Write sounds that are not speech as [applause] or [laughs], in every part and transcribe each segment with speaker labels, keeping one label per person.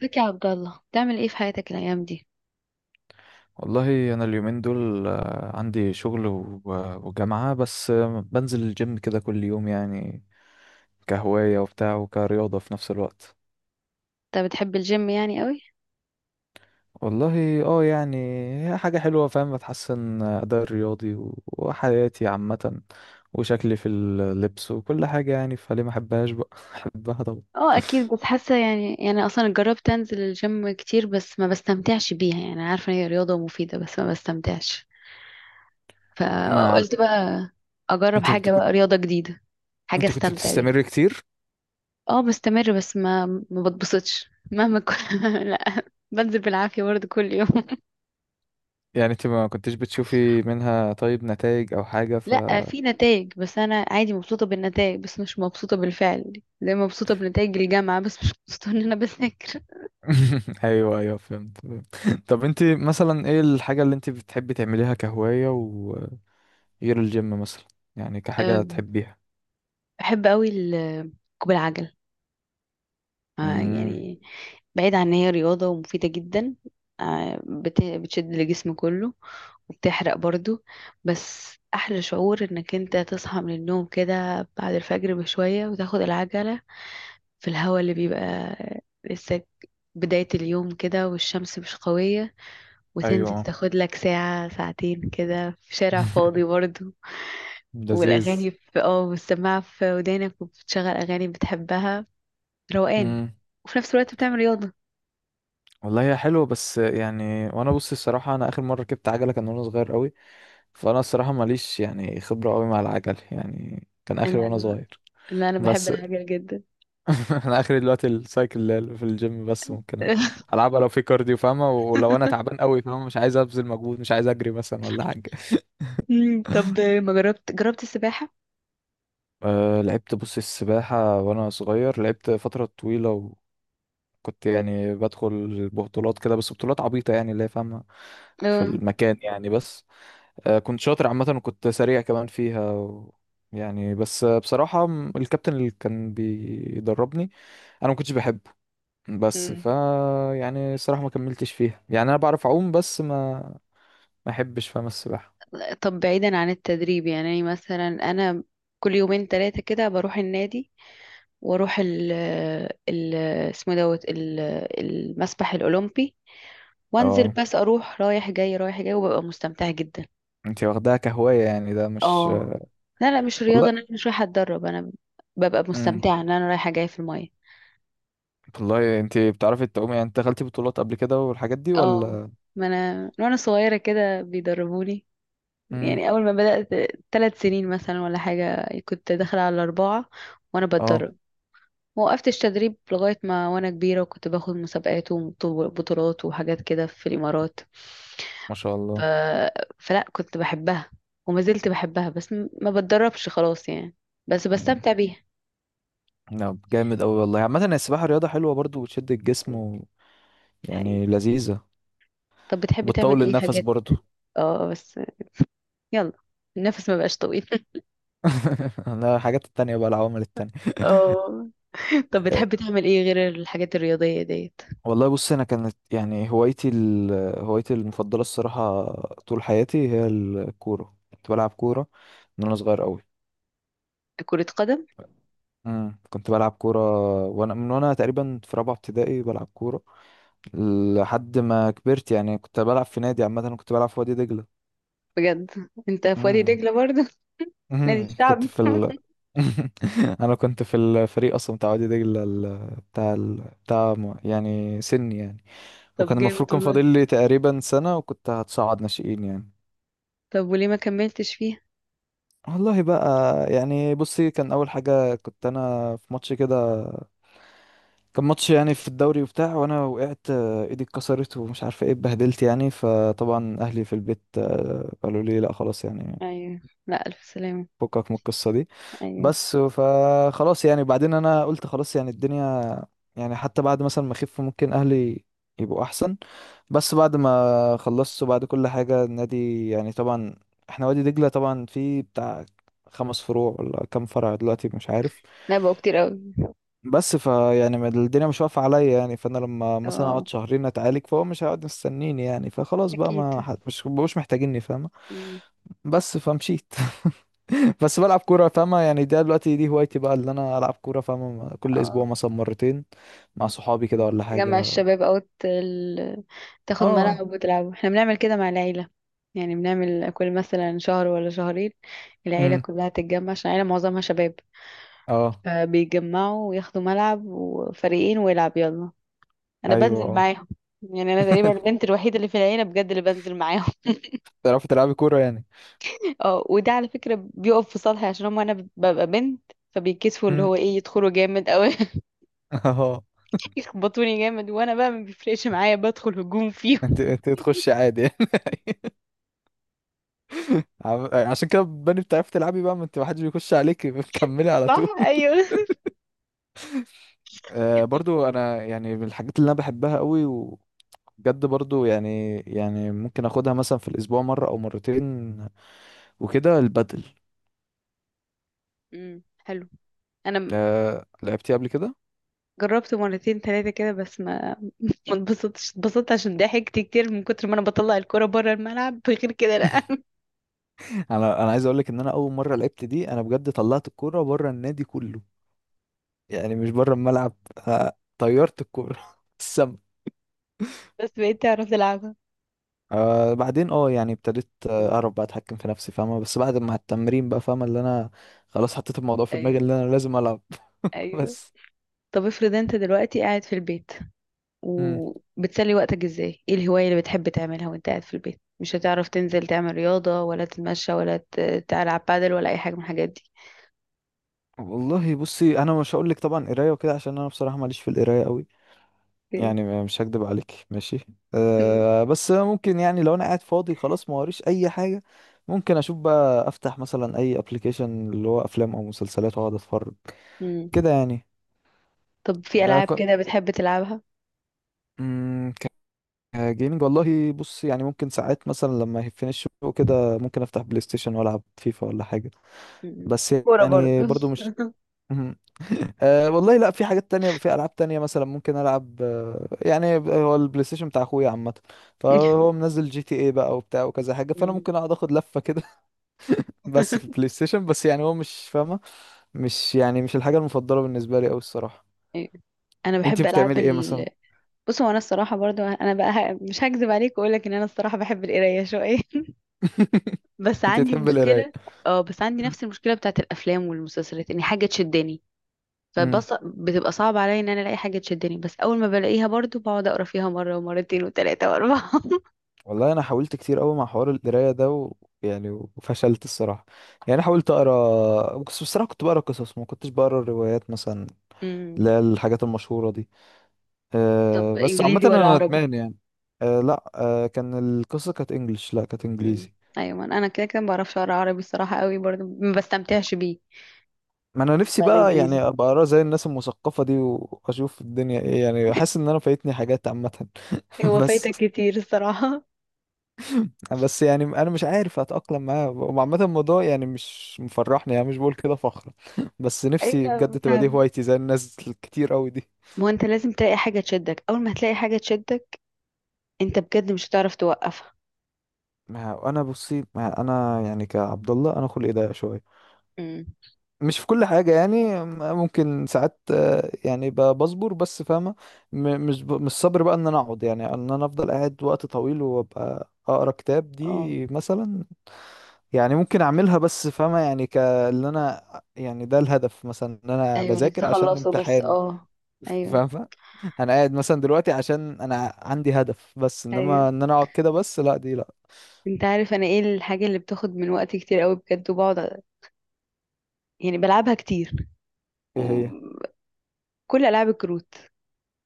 Speaker 1: ازيك يا عبد الله، بتعمل ايه في حياتك الايام دي؟
Speaker 2: والله انا اليومين دول عندي شغل وجامعة بس بنزل الجيم كده كل يوم يعني كهواية وبتاع وكرياضة في نفس الوقت.
Speaker 1: انت بتحب الجيم يعني قوي؟
Speaker 2: والله اه يعني هي حاجة حلوة فاهم، بتحسن أداء الرياضي وحياتي عامة وشكلي في اللبس وكل حاجة، يعني فليه ما احبهاش بقى؟ [laughs] احبها طبعا.
Speaker 1: اه، اكيد، بس حاسه يعني اصلا جربت انزل الجيم كتير بس ما بستمتعش بيها، يعني عارفه ان هي رياضه مفيده بس ما بستمتعش.
Speaker 2: ما عل-
Speaker 1: فقلت بقى اجرب
Speaker 2: انت بت-
Speaker 1: حاجه
Speaker 2: كنت
Speaker 1: بقى، رياضه جديده، حاجه
Speaker 2: انت كنت
Speaker 1: استمتع بيها.
Speaker 2: بتستمر كتير؟
Speaker 1: اه بستمر، بس ما بتبسطش مهما كنت. [laughs] لا، بنزل بالعافيه برضه كل يوم. [laughs]
Speaker 2: يعني انت ما كنتش بتشوفي منها طيب نتائج او حاجة
Speaker 1: لا، في نتائج، بس انا عادي مبسوطه بالنتائج بس مش مبسوطه بالفعل، زي ما مبسوطه بنتائج الجامعه بس مش مبسوطه ان انا بذاكر.
Speaker 2: [laughs] ايوه، ايوه، فهمت. [laughs] طب انت مثلا ايه الحاجة اللي انت بتحبي تعمليها كهواية وغير الجيم مثلا؟ يعني كحاجة
Speaker 1: أم،
Speaker 2: تحبيها؟
Speaker 1: بحب قوي ركوب العجل،
Speaker 2: امم.
Speaker 1: يعني بعيد عن ان هي رياضة ومفيدة جدا. بتشد الجسم كله وبتحرق برضو. بس احلى شعور انك انت تصحى من النوم كده بعد الفجر بشوية وتاخد العجلة في الهواء اللي بيبقى لسه بداية اليوم كده، والشمس مش قوية، وتنزل
Speaker 2: ايوه.
Speaker 1: تاخد لك ساعة ساعتين كده في شارع فاضي
Speaker 2: [laughs]
Speaker 1: برضو.
Speaker 2: لذيذ.
Speaker 1: والأغاني في والسماعة في ودانك وبتشغل أغاني بتحبها، روقان،
Speaker 2: امم.
Speaker 1: وفي نفس الوقت بتعمل رياضة.
Speaker 2: والله هي حلوه بس يعني، وانا بص الصراحه انا اخر مره ركبت عجله كان وانا صغير قوي. فانا الصراحه ماليش يعني خبره قوي مع العجل، يعني كان اخر
Speaker 1: انا
Speaker 2: وانا
Speaker 1: انا
Speaker 2: صغير.
Speaker 1: انا أنا بحب
Speaker 2: بس
Speaker 1: العجل جدا.
Speaker 2: [laughs] انا اخري دلوقتي السايكل اللي هي في الجيم بس، ممكن العبها لو في كارديو فاهمة، ولو انا تعبان
Speaker 1: [laughs]
Speaker 2: قوي فاهمة مش عايز ابذل مجهود، مش عايز اجري مثلا ولا حاجة. [laughs]
Speaker 1: طب ما جربت السباحة؟
Speaker 2: أه لعبت، بص السباحة وأنا صغير لعبت فترة طويلة، وكنت يعني بدخل بطولات كده بس بطولات عبيطة يعني اللي هي فاهمة، في
Speaker 1: اه.
Speaker 2: المكان يعني. بس أه كنت شاطر عامة وكنت سريع كمان فيها، يعني بس بصراحة الكابتن اللي كان بيدربني أنا ما كنتش بحبه. بس
Speaker 1: مم.
Speaker 2: يعني الصراحة ما كملتش فيها، يعني انا بعرف اعوم بس ما ما احبش فاهم السباحة.
Speaker 1: طب بعيدا عن التدريب، يعني مثلا انا كل يومين ثلاثة كده بروح النادي واروح ال، اسمه دوت المسبح الاولمبي، وانزل،
Speaker 2: اه،
Speaker 1: بس اروح رايح جاي رايح جاي وببقى مستمتعة جدا.
Speaker 2: انت واخداها كهواية يعني، ده مش
Speaker 1: اه، لا لا، مش
Speaker 2: والله.
Speaker 1: رياضة، انا مش رايحة اتدرب، انا ببقى
Speaker 2: امم.
Speaker 1: مستمتعة ان انا رايحة جاية في المية.
Speaker 2: والله انت بتعرفي تعومي يعني، انت دخلتي بطولات قبل كده والحاجات دي
Speaker 1: اه،
Speaker 2: ولا؟
Speaker 1: ما انا من وانا صغيرة كده بيدربوني،
Speaker 2: امم.
Speaker 1: يعني اول ما بدأت 3 سنين مثلا ولا حاجة، كنت داخلة على الاربعة وانا
Speaker 2: اه.
Speaker 1: بتدرب. وقفتش تدريب لغاية ما وانا كبيرة، وكنت باخد مسابقات وبطولات وحاجات كده في الامارات.
Speaker 2: ما شاء
Speaker 1: ف...
Speaker 2: الله.
Speaker 1: فلا كنت بحبها وما زلت بحبها، بس ما بتدربش خلاص يعني، بس
Speaker 2: امم.
Speaker 1: بستمتع بيها.
Speaker 2: لا جامد قوي والله، عامة السباحة رياضة حلوة برضو، وتشد الجسم
Speaker 1: يعني
Speaker 2: يعني لذيذة.
Speaker 1: طب بتحبي تعمل
Speaker 2: وبتطول
Speaker 1: ايه
Speaker 2: النفس
Speaker 1: حاجات؟
Speaker 2: برضو.
Speaker 1: اه بس، يلا، النفس ما بقاش طويل. [laughs]
Speaker 2: [laughs] انا الحاجات التانية بقى العوامل التانية.
Speaker 1: اه، طب بتحب تعمل ايه غير الحاجات الرياضية ديت؟
Speaker 2: والله بص انا كانت يعني هوايتي المفضله الصراحه طول حياتي هي الكوره، كنت بلعب كوره من وانا صغير قوي.
Speaker 1: كرة قدم؟
Speaker 2: كنت بلعب كوره، من وانا تقريبا في رابعه ابتدائي بلعب كوره لحد ما كبرت، يعني كنت بلعب في نادي، عامه كنت بلعب في وادي دجله.
Speaker 1: بجد؟ انت في وادي
Speaker 2: امم.
Speaker 1: دجلة برضه؟ [laughs] نادي
Speaker 2: امم.
Speaker 1: الشعبي.
Speaker 2: [laughs] انا كنت في الفريق اصلا بتاع وادي دجله بتاع بتاع يعني سني يعني. وكان
Speaker 1: طب
Speaker 2: المفروض
Speaker 1: جامد
Speaker 2: كان
Speaker 1: والله.
Speaker 2: فاضل لي تقريبا سنه وكنت هتصعد ناشئين يعني.
Speaker 1: طب وليه ما كملتش فيها؟
Speaker 2: والله بقى، يعني بصي كان اول حاجه كنت انا في ماتش كده، كان ماتش يعني في الدوري وبتاع، وانا وقعت ايدي اتكسرت ومش عارفه ايه، اتبهدلت يعني. فطبعا اهلي في البيت قالوا لي لا، خلاص يعني،
Speaker 1: ايوه. لا، الف سلامة.
Speaker 2: فكك من القصه دي.
Speaker 1: ايوه.
Speaker 2: بس فخلاص يعني، بعدين انا قلت خلاص يعني الدنيا، يعني حتى بعد مثلا ما اخف ممكن اهلي يبقوا احسن. بس بعد ما خلصت وبعد كل حاجة، النادي يعني طبعا احنا وادي دجلة طبعا فيه بتاع خمس فروع ولا كام فرع دلوقتي مش عارف.
Speaker 1: لا، بقوا كتير قوي.
Speaker 2: بس فيعني الدنيا مش واقفة عليا يعني، فانا لما مثلا
Speaker 1: اه.
Speaker 2: اقعد شهرين اتعالج فهو مش هيقعد مستنيني يعني، فخلاص بقى ما
Speaker 1: اكيد.
Speaker 2: حد مش محتاجيني فاهمة.
Speaker 1: مم.
Speaker 2: بس فمشيت. [laughs] بس بلعب كورة فاهمة يعني، ده دلوقتي دي هوايتي بقى اللي انا العب كورة فاهمة، كل اسبوع
Speaker 1: اه،
Speaker 2: مثلا مرتين مع صحابي كده ولا
Speaker 1: تجمع
Speaker 2: حاجة.
Speaker 1: الشباب او تاخد
Speaker 2: اه.
Speaker 1: ملعب وتلعبوا، احنا بنعمل كده مع العيلة، يعني بنعمل كل مثلا شهر ولا شهرين العيلة
Speaker 2: امم.
Speaker 1: كلها تتجمع، عشان العيلة معظمها شباب،
Speaker 2: اه.
Speaker 1: فبيتجمعوا وياخدوا ملعب وفريقين ويلعب، يلا انا
Speaker 2: ايوه.
Speaker 1: بنزل
Speaker 2: اه.
Speaker 1: معاهم. يعني انا تقريبا
Speaker 2: [laughs]
Speaker 1: البنت الوحيده اللي في العيله بجد اللي بنزل معاهم. [laughs]
Speaker 2: تعرفي تلعبي كورة يعني؟
Speaker 1: اه، وده على فكره بيقف في صالحي، عشان هم انا ببقى بنت، فبيكسفوا اللي
Speaker 2: امم.
Speaker 1: هو ايه يدخلوا جامد او [laughs]
Speaker 2: [laughs] اه.
Speaker 1: يخبطوني جامد، وانا بقى ما بيفرقش معايا، بدخل هجوم
Speaker 2: انت
Speaker 1: فيهم.
Speaker 2: انت تخشي عادي يعني؟ [laughs] عشان كده بني بتعرفي تلعبي بقى، ما انت محدش بيخش عليكي [laughs]
Speaker 1: [laughs]
Speaker 2: بتكملي على
Speaker 1: صح،
Speaker 2: طول.
Speaker 1: ايوه.
Speaker 2: آه
Speaker 1: طب،
Speaker 2: برضو انا يعني من الحاجات اللي انا بحبها قوي وبجد برضو، يعني ممكن اخدها مثلا في الاسبوع مرة او مرتين وكده البدل.
Speaker 1: امم، حلو. انا م-
Speaker 2: آه لعبتي قبل كده؟
Speaker 1: جربت مرتين ثلاثه كده، بس ما اتبسطتش. اتبسطت عشان ضحكت كتير من كتر ما انا بطلع الكوره بره الملعب، [laughs] غير كده لا.
Speaker 2: [laughs]
Speaker 1: [laughs]
Speaker 2: انا عايز اقول لك ان انا اول مره لعبت دي، انا بجد طلعت الكوره بره النادي كله، يعني مش بره الملعب، طيرت الكوره [laughs] السما.
Speaker 1: بس بقيت اعرف العبها.
Speaker 2: آه بعدين اه يعني ابتديت
Speaker 1: مم.
Speaker 2: اعرف بقى اتحكم في نفسي فاهمه، بس بعد ما التمرين بقى فاهمه اللي انا خلاص حطيت الموضوع في دماغي
Speaker 1: ايوه،
Speaker 2: اللي انا لازم العب. [laughs]
Speaker 1: ايوه.
Speaker 2: بس.
Speaker 1: طب افرض انت دلوقتي قاعد في البيت
Speaker 2: مم.
Speaker 1: وبتسلي وقتك ازاي، ايه الهواية اللي بتحب تعملها وانت قاعد في البيت مش هتعرف تنزل تعمل رياضة ولا تتمشى ولا تلعب بادل ولا اي حاجة من الحاجات دي؟
Speaker 2: والله بصي انا مش هقول لك طبعا قرايه وكده، عشان انا بصراحه ماليش في القرايه قوي،
Speaker 1: [laughs]
Speaker 2: يعني مش هكدب عليك ماشي.
Speaker 1: اوكي. مم.
Speaker 2: أه بس ممكن يعني لو انا قاعد فاضي خلاص ما وريش اي حاجه، ممكن اشوف بقى، افتح مثلا اي ابلكيشن اللي هو افلام او مسلسلات واقعد اتفرج
Speaker 1: مم.
Speaker 2: كده يعني.
Speaker 1: طب في
Speaker 2: أه
Speaker 1: ألعاب كده بتحب تلعبها؟
Speaker 2: كنت جيمنج. والله بص يعني ممكن ساعات مثلا لما يهفني الشغل كده، ممكن افتح بلاي ستيشن والعب فيفا ولا حاجه،
Speaker 1: مم.
Speaker 2: بس
Speaker 1: كورة
Speaker 2: يعني
Speaker 1: برضه؟
Speaker 2: برضو مش مهم. [laughs] أه والله لا، في حاجات تانية، في ألعاب تانية مثلا ممكن ألعب يعني هو البلاي ستيشن بتاع أخويا عامة، فهو
Speaker 1: [laughs]
Speaker 2: منزل GTA بقى وبتاع وكذا حاجة، فأنا
Speaker 1: مم.
Speaker 2: ممكن أقعد أخد لفة كده. [laughs] بس في البلاي ستيشن بس، يعني هو مش فاهمة، مش يعني مش الحاجة المفضلة بالنسبة لي أوي الصراحة.
Speaker 1: أيوة. انا
Speaker 2: أنت
Speaker 1: بحب العاب
Speaker 2: بتعملي إيه مثلا؟
Speaker 1: بص، هو انا الصراحه برضو انا بقى مش هكذب عليك واقول لك ان انا الصراحه بحب القرايه شويه. [laughs]
Speaker 2: [laughs]
Speaker 1: بس
Speaker 2: أنت
Speaker 1: عندي
Speaker 2: بتحبي القراية؟
Speaker 1: مشكله. اه، بس عندي نفس المشكله بتاعت الافلام والمسلسلات، ان حاجه تشدني، فبص بتبقى صعب عليا ان انا الاقي حاجه تشدني، بس اول ما بلاقيها برضو بقعد اقرا فيها مره ومرتين وثلاثه واربعه.
Speaker 2: والله انا حاولت كتير قوي مع حوار القرايه ده يعني وفشلت الصراحه، يعني أنا حاولت اقرا بس بصراحه كنت بقرا قصص، ما كنتش بقرا الروايات مثلا،
Speaker 1: [laughs]
Speaker 2: اللي
Speaker 1: امم.
Speaker 2: هي الحاجات المشهوره دي. أه
Speaker 1: طب
Speaker 2: بس عامه
Speaker 1: انجليزي ولا
Speaker 2: انا
Speaker 1: عربي؟
Speaker 2: ندمان يعني. أه لا، أه كان القصه كانت انجلش، لا كانت
Speaker 1: امم،
Speaker 2: انجليزي.
Speaker 1: ايوه، ما أنا كده كده ما بعرفش اقرا عربي الصراحه، قوي برضو ما بستمتعش بيه.
Speaker 2: ما انا نفسي
Speaker 1: ولا
Speaker 2: بقى يعني
Speaker 1: انجليزي.
Speaker 2: ابقى اقرا زي الناس المثقفه دي، واشوف الدنيا ايه يعني، حاسس ان انا فايتني حاجات عامه. [laughs]
Speaker 1: هو
Speaker 2: بس
Speaker 1: فايتك كتير الصراحه.
Speaker 2: بس يعني انا مش عارف اتاقلم معاه، وعامه الموضوع يعني مش مفرحني، يعني مش بقول كده فخر [laughs] بس
Speaker 1: [laughs]
Speaker 2: نفسي
Speaker 1: ايوه،
Speaker 2: بجد تبقى دي
Speaker 1: فاهم.
Speaker 2: هوايتي زي الناس الكتير قوي دي.
Speaker 1: ما هو انت لازم تلاقي حاجه تشدك، اول ما هتلاقي حاجه تشدك انت بجد مش هتعرف توقفها.
Speaker 2: ما انا بصي ما انا يعني كعبد الله، انا خلقي ضيق شويه
Speaker 1: امم.
Speaker 2: مش في كل حاجه يعني. ممكن ساعات يعني بصبر بس فاهمه، مش مش صبر بقى ان انا اقعد، يعني ان انا افضل قاعد وقت طويل وابقى اقرا كتاب
Speaker 1: اه،
Speaker 2: دي مثلا. يعني ممكن اعملها بس فاهمة، يعني ك اللي انا، يعني ده الهدف مثلا ان انا
Speaker 1: ايوه، انك
Speaker 2: بذاكر عشان
Speaker 1: تخلصه، بس
Speaker 2: امتحان.
Speaker 1: اه.
Speaker 2: [laughs]
Speaker 1: ايوه،
Speaker 2: فاهمة. انا قاعد مثلا دلوقتي عشان انا عندي هدف، بس انما
Speaker 1: ايوه.
Speaker 2: ان انا اقعد كده بس لا، دي لا.
Speaker 1: انت عارف انا ايه الحاجه اللي بتاخد من وقتي كتير قوي بجد وبقعد، يعني بلعبها كتير،
Speaker 2: ايه هي؟
Speaker 1: وكل ألعاب الكروت،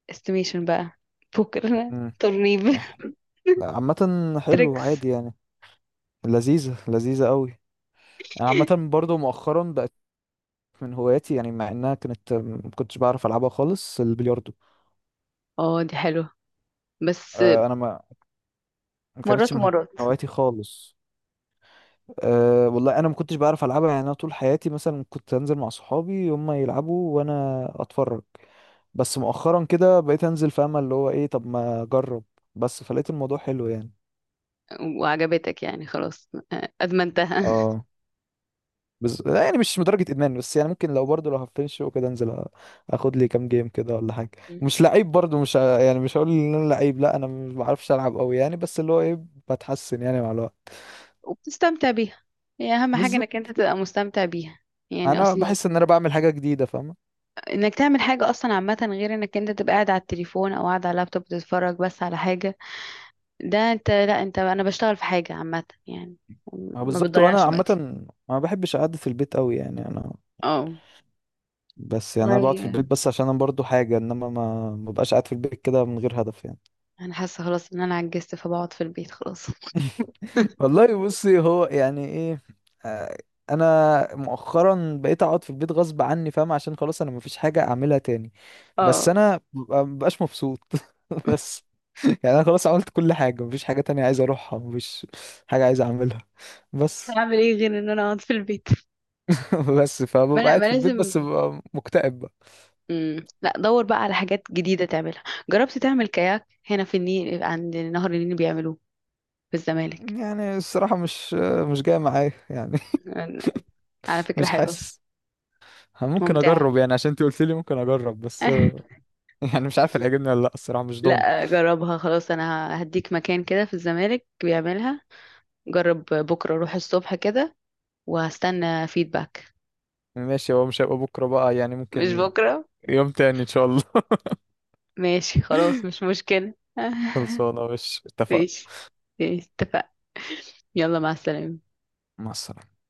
Speaker 1: استيميشن بقى، بوكر،
Speaker 2: امم.
Speaker 1: ترنيب، [laughs]
Speaker 2: لا عامة حلو
Speaker 1: تريكس.
Speaker 2: عادي يعني. لذيذة لذيذة قوي. انا عامة برضو مؤخرا بقت من هواياتي، يعني مع انها كانت ما كنتش بعرف العبها خالص، البلياردو.
Speaker 1: اه دي حلوة. بس
Speaker 2: انا ما ما كانتش
Speaker 1: مرات
Speaker 2: من
Speaker 1: ومرات.
Speaker 2: هواياتي خالص. أه والله انا ما كنتش بعرف العبها، يعني انا طول حياتي مثلا كنت انزل مع صحابي هم يلعبوا وانا اتفرج. بس مؤخرا كده بقيت انزل في امل اللي هو ايه، طب ما اجرب، بس فلقيت الموضوع حلو يعني.
Speaker 1: وعجبتك يعني خلاص، أدمنتها. [laughs]
Speaker 2: اه بس لا يعني مش لدرجة ادمان، بس يعني ممكن لو برضه لو هفنش وكده انزل اخد لي كام جيم كده ولا حاجة. مش لعيب برضه، مش ه- يعني مش هقول ان انا لعيب، لا انا ما بعرفش العب قوي يعني، بس اللي هو ايه، بتحسن يعني مع الوقت.
Speaker 1: وبتستمتع بيها، هي أهم حاجة إنك أنت
Speaker 2: بالظبط.
Speaker 1: تبقى مستمتع بيها، يعني
Speaker 2: انا
Speaker 1: أصلي،
Speaker 2: بحس ان انا بعمل حاجة جديدة فاهم.
Speaker 1: إنك تعمل حاجة أصلا عامة، غير إنك أنت تبقى قاعد على التليفون أو قاعد على اللابتوب بتتفرج بس على حاجة، ده أنت لا، أنت أنا بشتغل في حاجة عامة يعني،
Speaker 2: اه
Speaker 1: ما
Speaker 2: بالظبط، وانا
Speaker 1: بتضيعش
Speaker 2: عامه
Speaker 1: وقتي.
Speaker 2: ما بحبش قعدة البيت قوي يعني انا.
Speaker 1: اه.
Speaker 2: بس يعني انا بقعد في
Speaker 1: والله
Speaker 2: البيت بس عشان انا برضو حاجه، انما ما ما ببقاش قاعد في البيت كده من غير هدف يعني.
Speaker 1: انا حاسه خلاص ان انا عجزت فبقعد في البيت خلاص. [laughs]
Speaker 2: [laughs] والله بصي هو يعني ايه. آه، انا مؤخرا بقيت اقعد في البيت غصب عني فاهم، عشان خلاص انا مفيش حاجه اعملها تاني، بس
Speaker 1: اه،
Speaker 2: انا مبقاش مبسوط. [laughs] بس يعني انا خلاص عملت كل حاجه، مفيش حاجه تانية عايز اروحها، مفيش حاجه عايز اعملها بس.
Speaker 1: هعمل ايه غير ان انا اقعد في البيت؟
Speaker 2: [laughs] بس
Speaker 1: ما
Speaker 2: فببقى
Speaker 1: لا،
Speaker 2: قاعد
Speaker 1: ما
Speaker 2: في البيت
Speaker 1: لازم.
Speaker 2: بس ببقى مكتئب.
Speaker 1: مم. لا، دور بقى على حاجات جديده تعملها. جربت تعمل كاياك هنا في النيل؟ عند نهر النيل بيعملوه في الزمالك.
Speaker 2: يعني الصراحة مش جاية معايا يعني.
Speaker 1: على
Speaker 2: [laughs]
Speaker 1: فكره
Speaker 2: مش
Speaker 1: حلوه،
Speaker 2: حاسس، ممكن
Speaker 1: ممتعه.
Speaker 2: اجرب يعني عشان انت قلت لي ممكن اجرب بس.
Speaker 1: [laughs]
Speaker 2: [laughs] يعني مش عارف هتعجبني ولا لا، الصراحة مش ضامن.
Speaker 1: لا جربها، خلاص انا هديك مكان كده في الزمالك بيعملها، جرب بكره روح الصبح كده، وهستنى فيدباك.
Speaker 2: ماشي، هو مش هيبقى بكرة بقى يعني،
Speaker 1: مش
Speaker 2: ممكن
Speaker 1: بكره.
Speaker 2: يوم تاني ان شاء الله.
Speaker 1: ماشي خلاص، مش مشكله.
Speaker 2: [laughs]
Speaker 1: [laughs]
Speaker 2: خلصانة مش اتفق.
Speaker 1: ماشي. ماشي، اتفقنا. يلا، مع السلامة.
Speaker 2: مع السلامة.